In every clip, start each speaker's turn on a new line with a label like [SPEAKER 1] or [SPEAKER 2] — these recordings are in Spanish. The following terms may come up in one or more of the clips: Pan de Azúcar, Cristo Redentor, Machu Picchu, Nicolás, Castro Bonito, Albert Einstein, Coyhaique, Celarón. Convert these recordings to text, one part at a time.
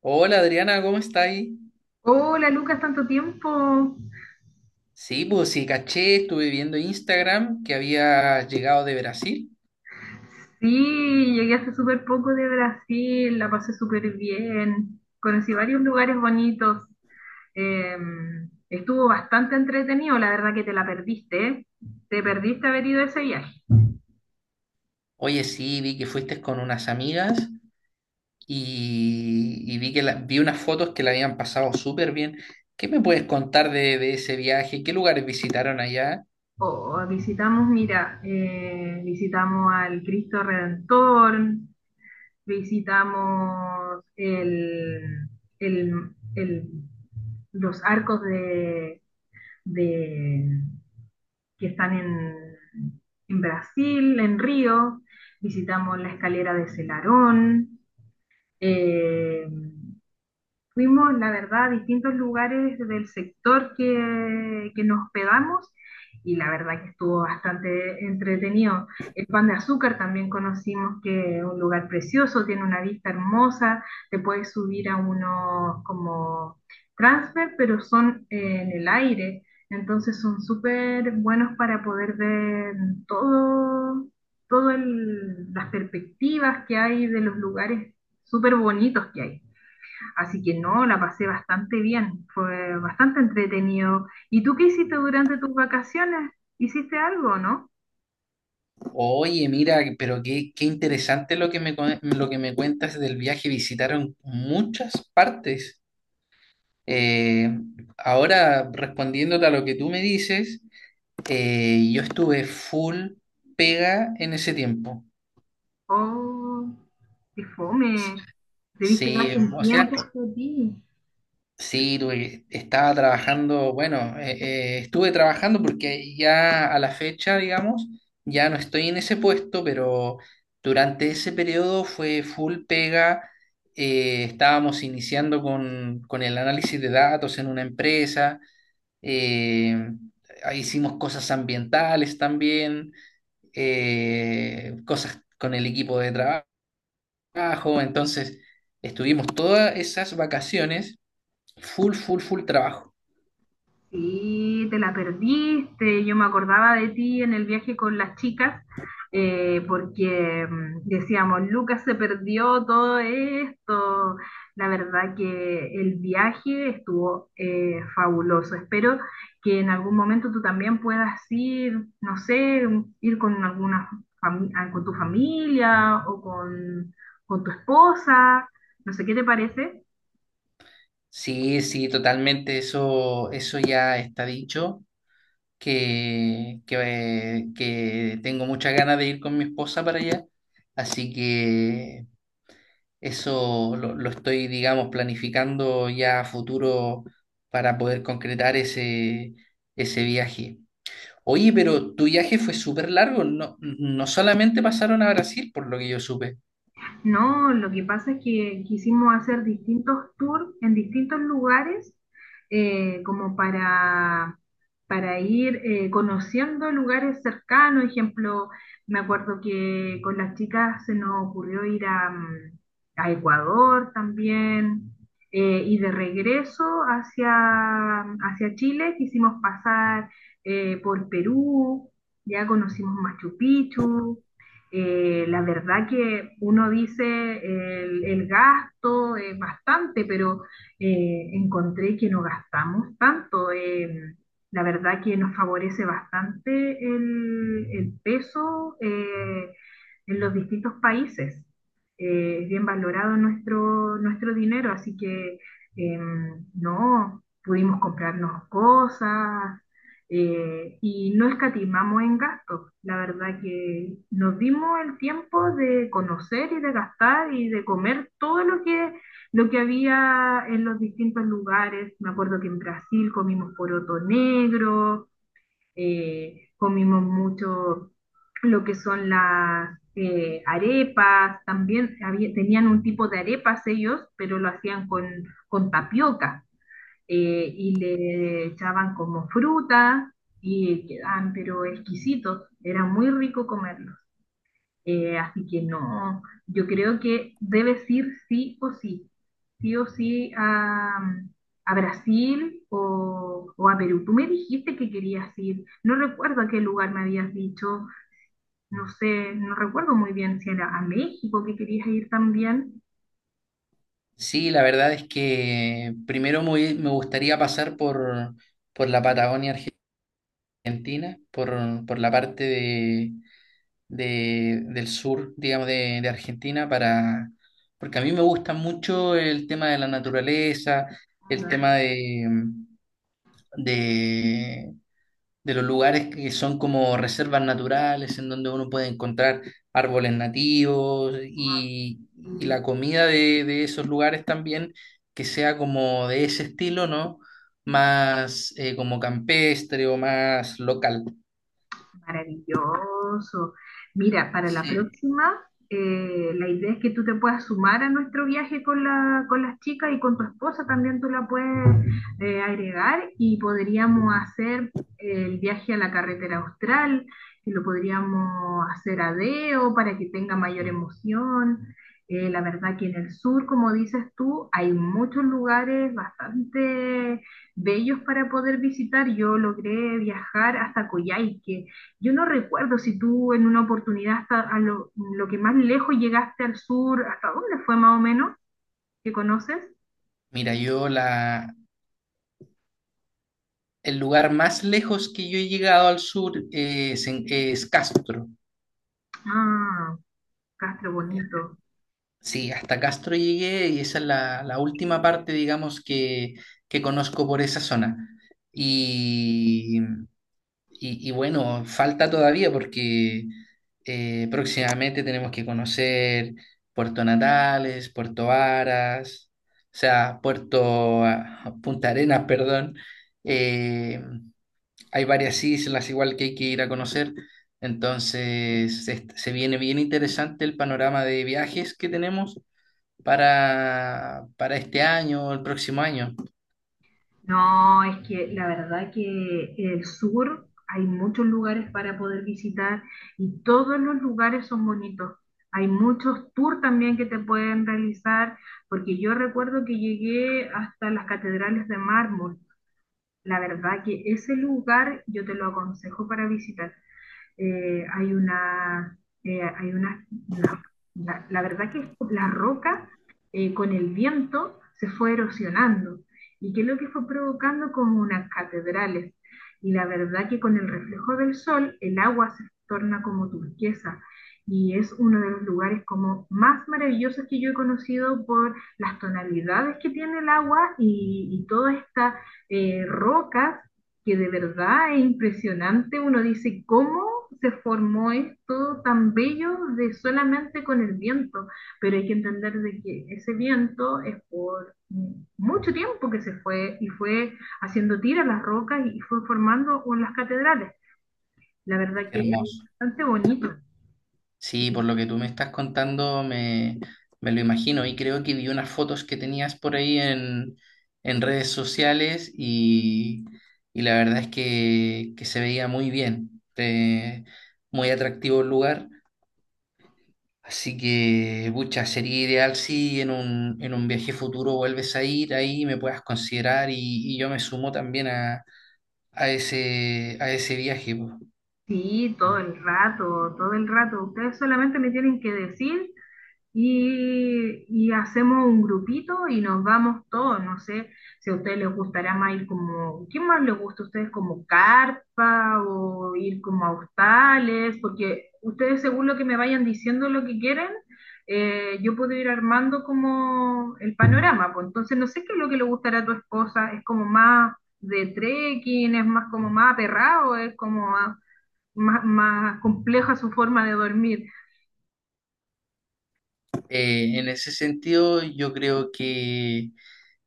[SPEAKER 1] Hola Adriana, ¿cómo estáis?
[SPEAKER 2] Hola Lucas, tanto tiempo.
[SPEAKER 1] Sí, pues sí, caché, estuve viendo Instagram que había llegado de Brasil.
[SPEAKER 2] Sí, llegué hace súper poco de Brasil, la pasé súper bien, conocí varios lugares bonitos, Eh, Estuvo bastante entretenido, la verdad que te la perdiste, ¿eh? Te perdiste haber ido a ese viaje.
[SPEAKER 1] Oye, sí, vi que fuiste con unas amigas y vi que vi unas fotos que la habían pasado súper bien. ¿Qué me puedes contar de ese viaje? ¿Qué lugares visitaron allá?
[SPEAKER 2] Oh, visitamos, mira, visitamos al Cristo Redentor, visitamos el, el- los arcos de que están en Brasil, en Río. Visitamos la escalera de Celarón. eh, Fuimos, la verdad, a distintos lugares del sector que nos hospedamos y la verdad que estuvo bastante entretenido. El Pan de Azúcar también conocimos, que es un lugar precioso, tiene una vista hermosa, te puedes subir a unos como transfer, pero son en el aire, entonces son súper buenos para poder ver todo, las perspectivas que hay de los lugares súper bonitos que hay. Así que no, la pasé bastante bien, fue bastante entretenido. ¿Y tú qué hiciste durante tus vacaciones? ¿Hiciste algo, no?
[SPEAKER 1] Oye, mira, pero qué interesante lo que lo que me cuentas del viaje. Visitaron muchas partes. Eh, ahora, respondiéndote a lo que tú me dices. Yo estuve full pega en ese tiempo.
[SPEAKER 2] Oh, qué fome,
[SPEAKER 1] S- Sí,
[SPEAKER 2] debiste darte un
[SPEAKER 1] o
[SPEAKER 2] tiempo
[SPEAKER 1] sea,
[SPEAKER 2] para ti.
[SPEAKER 1] sí, estaba trabajando, bueno, estuve trabajando porque ya a la fecha, digamos, ya no estoy en ese puesto, pero durante ese periodo fue full pega. Estábamos iniciando con el análisis de datos en una empresa, eh, hicimos cosas ambientales también. Cosas con el equipo de trabajo. Entonces, estuvimos todas esas vacaciones full, full, full trabajo.
[SPEAKER 2] Sí, te la perdiste. Yo me acordaba de ti en el viaje con las chicas, porque decíamos, Lucas se perdió todo esto. La verdad que el viaje estuvo fabuloso. Espero que en algún momento tú también puedas ir, no sé, ir con alguna con tu familia o con tu esposa. No sé qué te parece.
[SPEAKER 1] Sí, sí, totalmente, eso ya está dicho, que tengo muchas ganas de ir con mi esposa para allá, así que eso lo estoy, digamos, planificando ya a futuro para poder concretar ese viaje. Oye, pero tu viaje fue súper largo, no, no solamente pasaron a Brasil, por lo que yo supe.
[SPEAKER 2] No, lo que pasa es que quisimos hacer distintos tours en distintos lugares, como para ir conociendo lugares cercanos. Ejemplo, me acuerdo que con las chicas se nos ocurrió ir a Ecuador también, y de regreso hacia Chile quisimos pasar por Perú, ya conocimos Machu Picchu. La verdad que uno dice el gasto es bastante, pero encontré que no gastamos tanto. La verdad que nos favorece bastante el peso en los distintos países. Es bien valorado nuestro dinero, así que eh, no, pudimos comprarnos cosas y no escatimamos en gastos. La verdad que nos dimos el tiempo de conocer y de gastar y de comer todo lo que había en los distintos lugares. Me acuerdo que en Brasil comimos poroto negro, comimos mucho lo que son las arepas, también tenían un tipo de arepas ellos, pero lo hacían con tapioca y le echaban como fruta y quedaban pero exquisitos, era muy rico comerlo. Así que no, yo creo que debes ir sí o sí a Brasil o a Perú. Tú me dijiste que querías ir, no recuerdo a qué lugar me habías dicho, no sé, no recuerdo muy bien si era a México que querías ir también.
[SPEAKER 1] Sí, la verdad es que primero me gustaría pasar por la Patagonia Argentina, por la parte del sur, digamos, de Argentina, porque a mí me gusta mucho el tema de la naturaleza, el tema de, de los lugares que son como reservas naturales, en donde uno puede encontrar árboles nativos y la comida de esos lugares también, que sea como de ese estilo, ¿no? Más como campestre o más local.
[SPEAKER 2] Maravilloso. Mira, para la
[SPEAKER 1] Sí.
[SPEAKER 2] próxima, la idea es que tú te puedas sumar a nuestro viaje con la, con las chicas, y con tu esposa también tú la puedes agregar, y podríamos hacer el viaje a la carretera austral, que lo podríamos hacer a Deo para que tenga mayor emoción. La verdad que en el sur, como dices tú, hay muchos lugares bastante bellos para poder visitar. Yo logré viajar hasta Coyhaique. Yo no recuerdo si tú en una oportunidad hasta lo que más lejos llegaste al sur, ¿hasta dónde fue más o menos que conoces?
[SPEAKER 1] Mira, el lugar más lejos que yo he llegado al sur es Castro.
[SPEAKER 2] Ah, Castro bonito.
[SPEAKER 1] Sí, hasta Castro llegué y esa es la última parte, digamos, que conozco por esa zona. Y, y bueno, falta todavía porque próximamente tenemos que conocer Puerto Natales, Puerto Varas, o sea, Punta Arenas, perdón. Eh, Hay varias islas igual que hay que ir a conocer. Entonces, se viene bien interesante el panorama de viajes que tenemos para este año o el próximo año.
[SPEAKER 2] No, es que la verdad que el sur, hay muchos lugares para poder visitar y todos los lugares son bonitos. Hay muchos tours también que te pueden realizar, porque yo recuerdo que llegué hasta las catedrales de mármol. La verdad que ese lugar yo te lo aconsejo para visitar. eh, hay una, Hay una, verdad que la roca con el viento se fue erosionando y que lo que fue provocando como unas catedrales. Y la verdad que con el reflejo del sol el agua se torna como turquesa, y es uno de los lugares como más maravillosos que yo he conocido por las tonalidades que tiene el agua, y, todas estas rocas, que de verdad es impresionante. Uno dice, ¿cómo se formó esto tan bello de solamente con el viento? Pero hay que entender de que ese viento es por mucho tiempo que se fue y fue haciendo tiras las rocas y fue formando las catedrales. La verdad
[SPEAKER 1] Qué
[SPEAKER 2] que es
[SPEAKER 1] hermoso.
[SPEAKER 2] bastante bonito.
[SPEAKER 1] Sí, por lo que tú me estás contando, me lo imagino. Y creo que vi unas fotos que tenías por ahí en redes sociales y la verdad es que se veía muy bien. Muy atractivo el lugar. Así que, pucha, sería ideal si en en un viaje futuro vuelves a ir ahí, me puedas considerar y yo me sumo también a a ese viaje. Po.
[SPEAKER 2] Sí, todo el rato, todo el rato. Ustedes solamente me tienen que decir y hacemos un grupito y nos vamos todos. No sé si a ustedes les gustará más ir como, ¿qué más les gusta a ustedes? Como carpa o ir como a hostales, porque ustedes según lo que me vayan diciendo lo que quieren, yo puedo ir armando como el panorama. Pues entonces no sé qué es lo que le gustará a tu esposa, es como más de trekking, es más como más aperrado, es como más, más compleja su forma de dormir.
[SPEAKER 1] En ese sentido, yo creo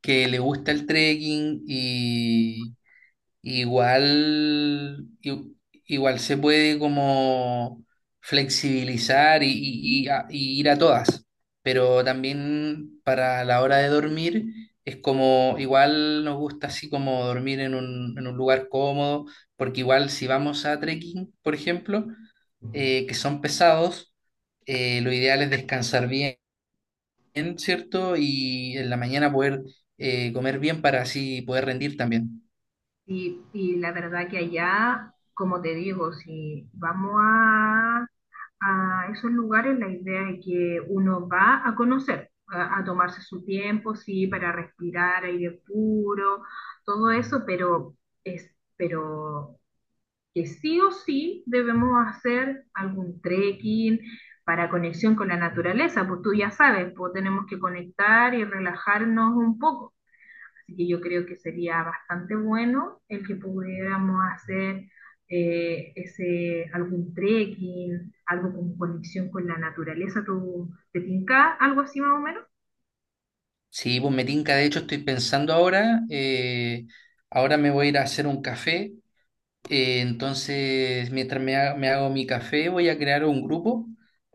[SPEAKER 1] que le gusta el trekking y igual, i- igual se puede como flexibilizar y y ir a todas, pero también para la hora de dormir es como igual nos gusta así como dormir en en un lugar cómodo, porque igual si vamos a trekking, por ejemplo, que son pesados, lo ideal es descansar bien bien, ¿cierto? Y en la mañana poder comer bien para así poder rendir también.
[SPEAKER 2] Y la verdad que allá, como te digo, si vamos a esos lugares, la idea es que uno va a conocer, a tomarse su tiempo, sí, para respirar aire puro, todo eso, pero pero que sí o sí debemos hacer algún trekking para conexión con la naturaleza, pues tú ya sabes, pues tenemos que conectar y relajarnos un poco. Así que yo creo que sería bastante bueno el que pudiéramos hacer algún trekking, algo con conexión con la naturaleza. ¿Te tinca algo así más o menos?
[SPEAKER 1] Sí, pues me tinca, de hecho estoy pensando ahora, ahora me voy a ir a hacer un café, entonces mientras me hago mi café voy a crear un grupo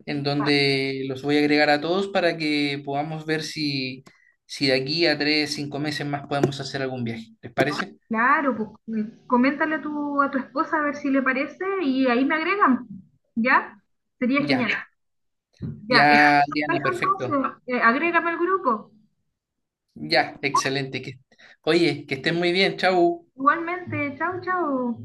[SPEAKER 1] en donde los voy a agregar a todos para que podamos ver si, si de aquí a tres, cinco meses más podemos hacer algún viaje. ¿Les parece?
[SPEAKER 2] Claro, pues coméntale a tu esposa a ver si le parece y ahí me agregan, ¿ya? Sería
[SPEAKER 1] Ya,
[SPEAKER 2] genial. Ya, eso,
[SPEAKER 1] ya, Diana, perfecto.
[SPEAKER 2] entonces, agrégame al grupo.
[SPEAKER 1] Ya, excelente. Que, oye, que estén muy bien, chau.
[SPEAKER 2] Igualmente, chao, chao.